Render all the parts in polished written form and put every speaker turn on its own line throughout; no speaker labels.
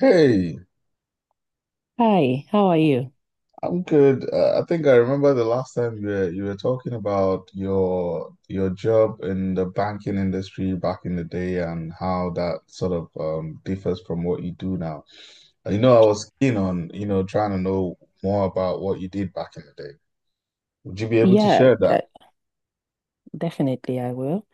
Hey,
Hi, how are you?
I'm good. I think I remember the last time you were talking about your job in the banking industry back in the day and how that sort of differs from what you do now. I was keen on, trying to know more about what you did back in the day. Would you be able to
Yeah,
share that?
definitely I will.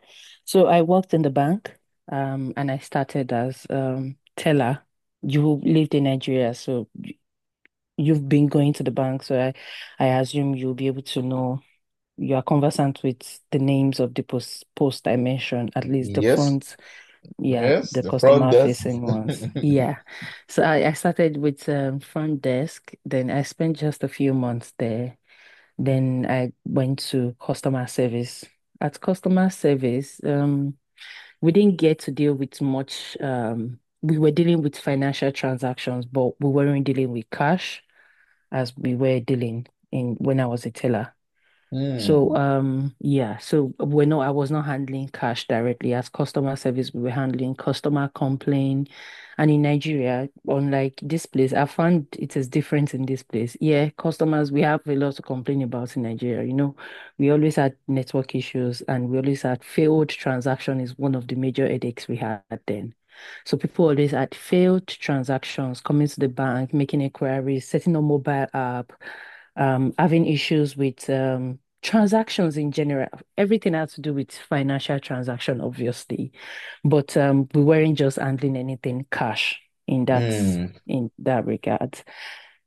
So I worked in the bank, and I started as teller. You lived in Nigeria, so you've been going to the bank, so I assume you'll be able to know you are conversant with the names of the post I mentioned, at least the
Yes,
front, yeah,
yes,
the
the front
customer
desk.
facing ones. Yeah. So I started with front desk, then I spent just a few months there. Then I went to customer service. At customer service, we didn't get to deal with much. We were dealing with financial transactions, but we weren't dealing with cash as we were dealing in when I was a teller. So,
Hmm.
yeah, so we're not, I was not handling cash directly. As customer service, we were handling customer complaint. And in Nigeria, unlike this place, I found it is different in this place. Yeah, customers, we have a lot to complain about in Nigeria. You know, we always had network issues and we always had failed transaction is one of the major headaches we had then. So people always had failed transactions, coming to the bank, making inquiries, setting up mobile app, having issues with transactions in general, everything has to do with financial transaction, obviously, but we weren't just handling anything cash in that
Hmm.
in that regard.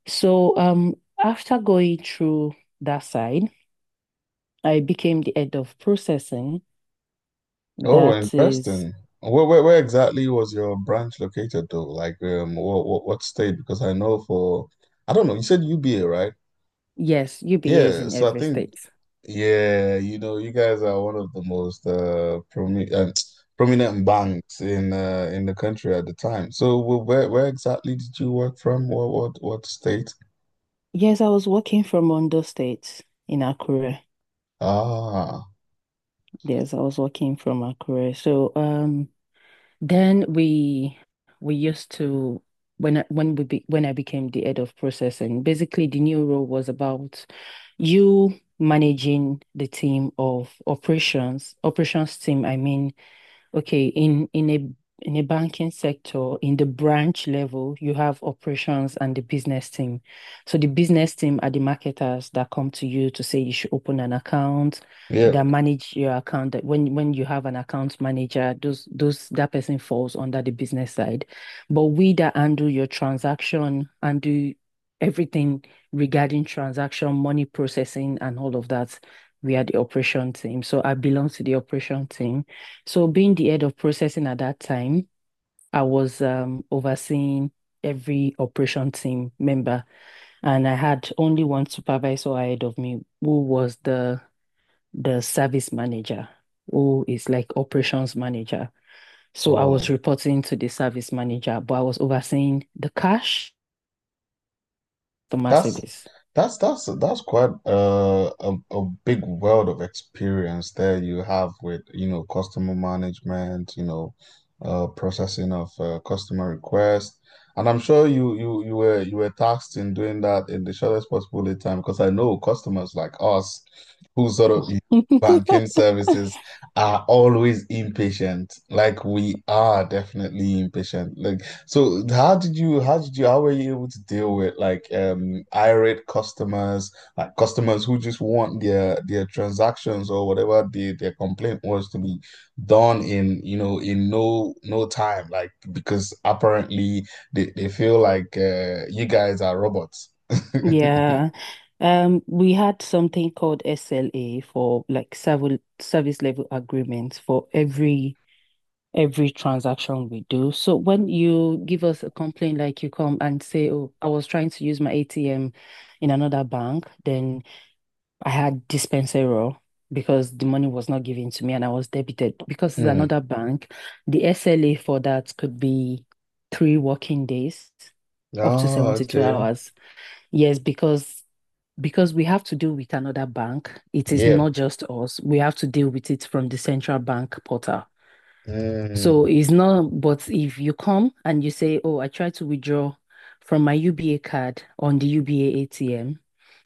So after going through that side, I became the head of processing.
Oh,
That is,
interesting. Where exactly was your branch located though? Like, um, what state? Because I know for, I don't know, you said UBA, right?
yes, UBA is
Yeah.
in
So I
every
think,
state.
yeah, you know, you guys are one of the most promi prominent banks in in the country at the time. So where exactly did you work from? What state?
Yes, I was working from Ondo State in Akure.
Ah,
Yes, I was working from Akure. So Then we used to when I, when we be, when I became the head of processing, basically the new role was about you managing the team of operations, operations team, I mean. Okay, in in a banking sector, in the branch level, you have operations and the business team. So the business team are the marketers that come to you to say you should open an account,
yeah.
that manage your account. That when you have an account manager, those that person falls under the business side. But we that handle your transaction and do everything regarding transaction, money processing, and all of that, we are the operation team. So I belong to the operation team. So being the head of processing at that time, I was overseeing every operation team member, and I had only one supervisor ahead of me, who was the service manager, who is like operations manager. So I was
Oh.
reporting to the service manager, but I was overseeing the cash, customer
That's
service.
that's quite a big world of experience there you have with, you know, customer management, you know, processing of customer requests, and I'm sure you were tasked in doing that in the shortest possible lead time, because I know customers like us who sort of use banking services are always impatient. Like, we are definitely impatient. Like, so how were you able to deal with, like, irate customers, like customers who just want their transactions or whatever their complaint was to be done in, you know, in no time, like, because apparently they feel like you guys are robots.
Yeah. We had something called SLA for like several service level agreements for every transaction we do. So when you give us a complaint, like you come and say, "Oh, I was trying to use my ATM in another bank, then I had Dispensero because the money was not given to me and I was debited." Because it's
Mm.
another bank, the SLA for that could be three working days, up to
Oh,
72
okay.
hours. Yes, because we have to deal with another bank. It is
Yeah.
not just us. We have to deal with it from the central bank portal. So
Mm.
it's not, but if you come and you say, "Oh, I tried to withdraw from my UBA card on the UBA ATM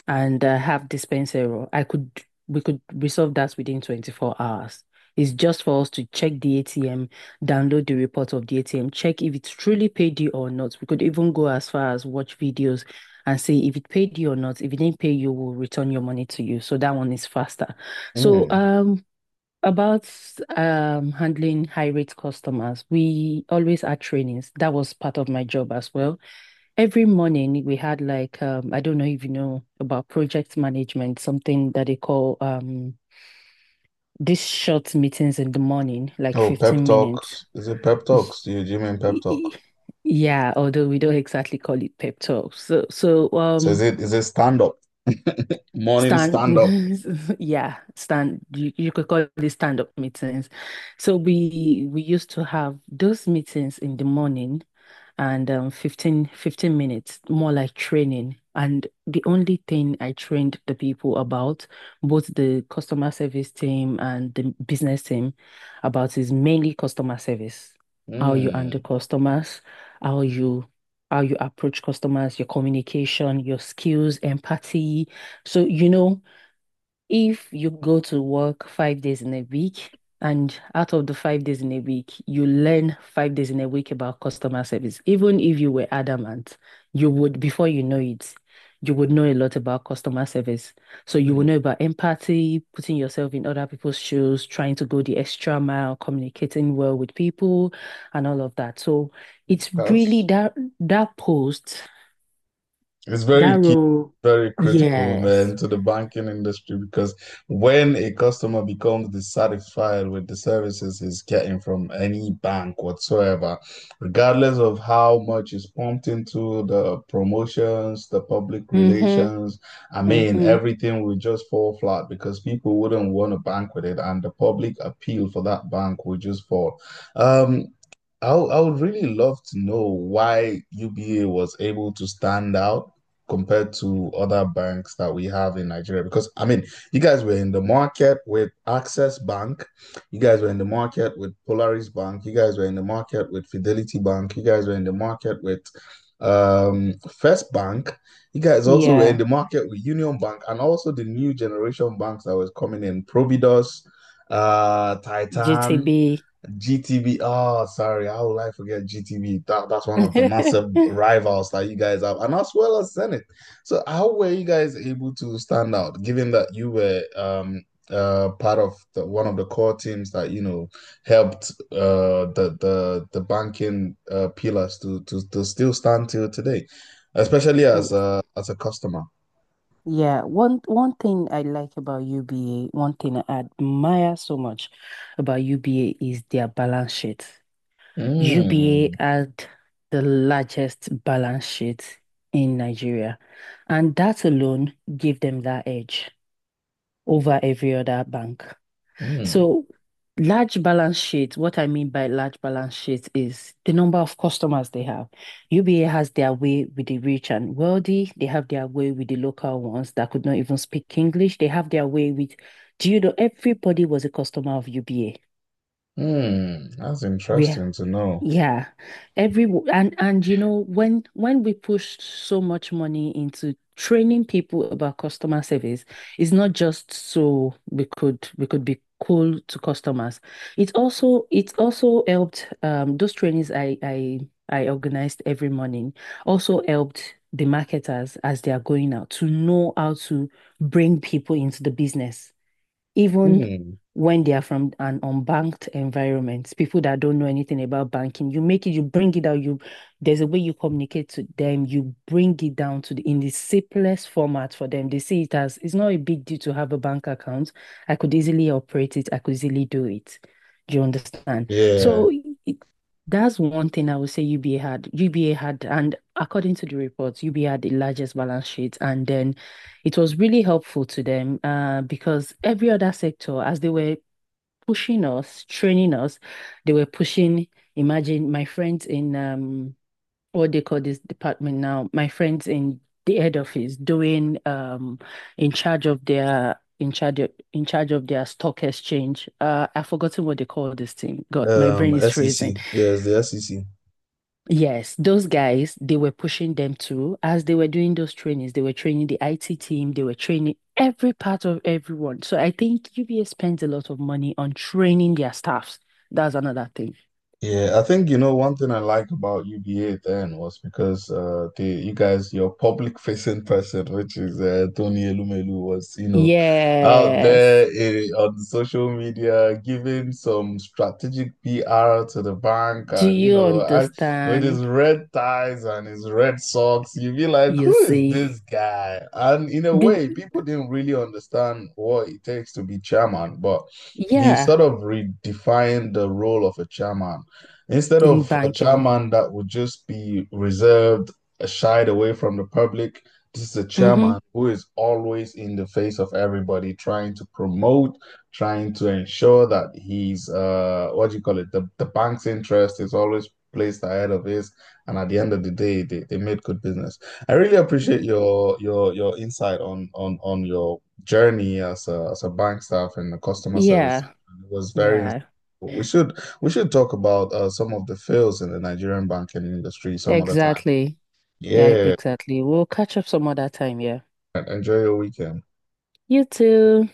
and have dispense error." I could we could resolve that within 24 hours. It's just for us to check the ATM, download the report of the ATM, check if it's truly paid you or not. We could even go as far as watch videos and see if it paid you or not. If it didn't pay you, we'll return your money to you. So that one is faster. So
Mm.
about handling high rate customers, we always had trainings. That was part of my job as well. Every morning we had like I don't know if you know about project management, something that they call these short meetings in the morning, like
Oh, pep
15 minutes.
talks. Is it pep talks? Do you mean pep
Y- y-
talk?
Yeah, although we don't exactly call it pep talk. So so
So is it is it stand up? Morning
stand,
stand up.
yeah, stand. You could call it stand-up meetings. So we used to have those meetings in the morning, and fifteen minutes, more like training. And the only thing I trained the people about, both the customer service team and the business team, about is mainly customer service. How you handle
Hmm.
customers, how you how you approach customers, your communication, your skills, empathy. So, you know, if you go to work 5 days in a week, and out of the 5 days in a week, you learn 5 days in a week about customer service, even if you were adamant, you would, before you know it, you would know a lot about customer service. So, you will
Hmm.
know about empathy, putting yourself in other people's shoes, trying to go the extra mile, communicating well with people, and all of that. So, it's really
That's
that post,
It's very
that
key,
role.
very critical,
Yes.
man, to the banking industry, because when a customer becomes dissatisfied with the services he's getting from any bank whatsoever, regardless of how much is pumped into the promotions, the public
Mm-hmm.
relations, I mean,
Mm-hmm.
everything will just fall flat because people wouldn't want to bank with it, and the public appeal for that bank will just fall. Um, I would really love to know why UBA was able to stand out compared to other banks that we have in Nigeria. Because, I mean, you guys were in the market with Access Bank, you guys were in the market with Polaris Bank, you guys were in the market with Fidelity Bank, you guys were in the market with First Bank, you guys also were in
Yeah,
the market with Union Bank, and also the new generation banks that was coming in, Providos, Titan.
GTB.
GTB. Oh, sorry. How will I forget GTB? That's one of the massive rivals that you guys have, and as well as Senate. So, how were you guys able to stand out, given that you were part of one of the core teams that, you know, helped the the banking pillars to still stand till today, especially as a customer.
Yeah, one thing I like about UBA, one thing I admire so much about UBA is their balance sheet.
Mm,
UBA had the largest balance sheet in Nigeria, and that alone gave them that edge over every other bank.
mm.
So, large balance sheet, what I mean by large balance sheet is the number of customers they have. UBA has their way with the rich and wealthy. They have their way with the local ones that could not even speak English. They have their way with, do you know, everybody was a customer of UBA.
Hmm, that's
We
interesting to know.
yeah, every w- and you know when we push so much money into training people about customer service, it's not just so we could be cool to customers. It also helped those trainings I organized every morning also helped the marketers as they are going out to know how to bring people into the business even
Hmm.
when they are from an unbanked environment, people that don't know anything about banking, you make it, you bring it out, you there's a way you communicate to them, you bring it down to the in the simplest format for them. They see it as it's not a big deal to have a bank account. I could easily operate it, I could easily do it. Do you understand?
Yeah,
So it- that's one thing I would say UBA had. UBA had, and according to the reports, UBA had the largest balance sheet and then it was really helpful to them because every other sector, as they were pushing us, training us, they were pushing. Imagine my friends in what they call this department now, my friends in the head office doing in charge of their in charge of their stock exchange. I've forgotten what they call this thing. God, my brain is freezing.
SEC. Yeah, it's the SEC.
Yes, those guys, they were pushing them too. As they were doing those trainings, they were training the IT team, they were training every part of everyone. So I think UBS spends a lot of money on training their staffs. That's another thing.
Yeah, I think, you know, one thing I liked about UBA then was because the, you guys, your public facing person, which is Tony Elumelu, was, you know, out
Yes.
there, eh, on social media giving some strategic PR to the bank,
Do
and you
you
know and with his
understand?
red ties and his red socks, you'd be like,
You
who is this
see.
guy? And in a
Do
way, people didn't really understand what it takes to be chairman, but he sort
yeah,
of redefined the role of a chairman. Instead
in
of a
banking.
chairman that would just be reserved, shied away from the public, this is a
Mm-hmm.
chairman who is always in the face of everybody, trying to promote, trying to ensure that he's, what do you call it? The bank's interest is always placed ahead of his, and at the end of the day, they made good business. I really appreciate your insight on your journey as a bank staff and the customer service.
Yeah,
It was very insightful.
yeah,
We should we should talk about some of the fails in the Nigerian banking industry some other time.
exactly. Yeah,
Yeah,
exactly. We'll catch up some other time, yeah.
enjoy your weekend.
You too.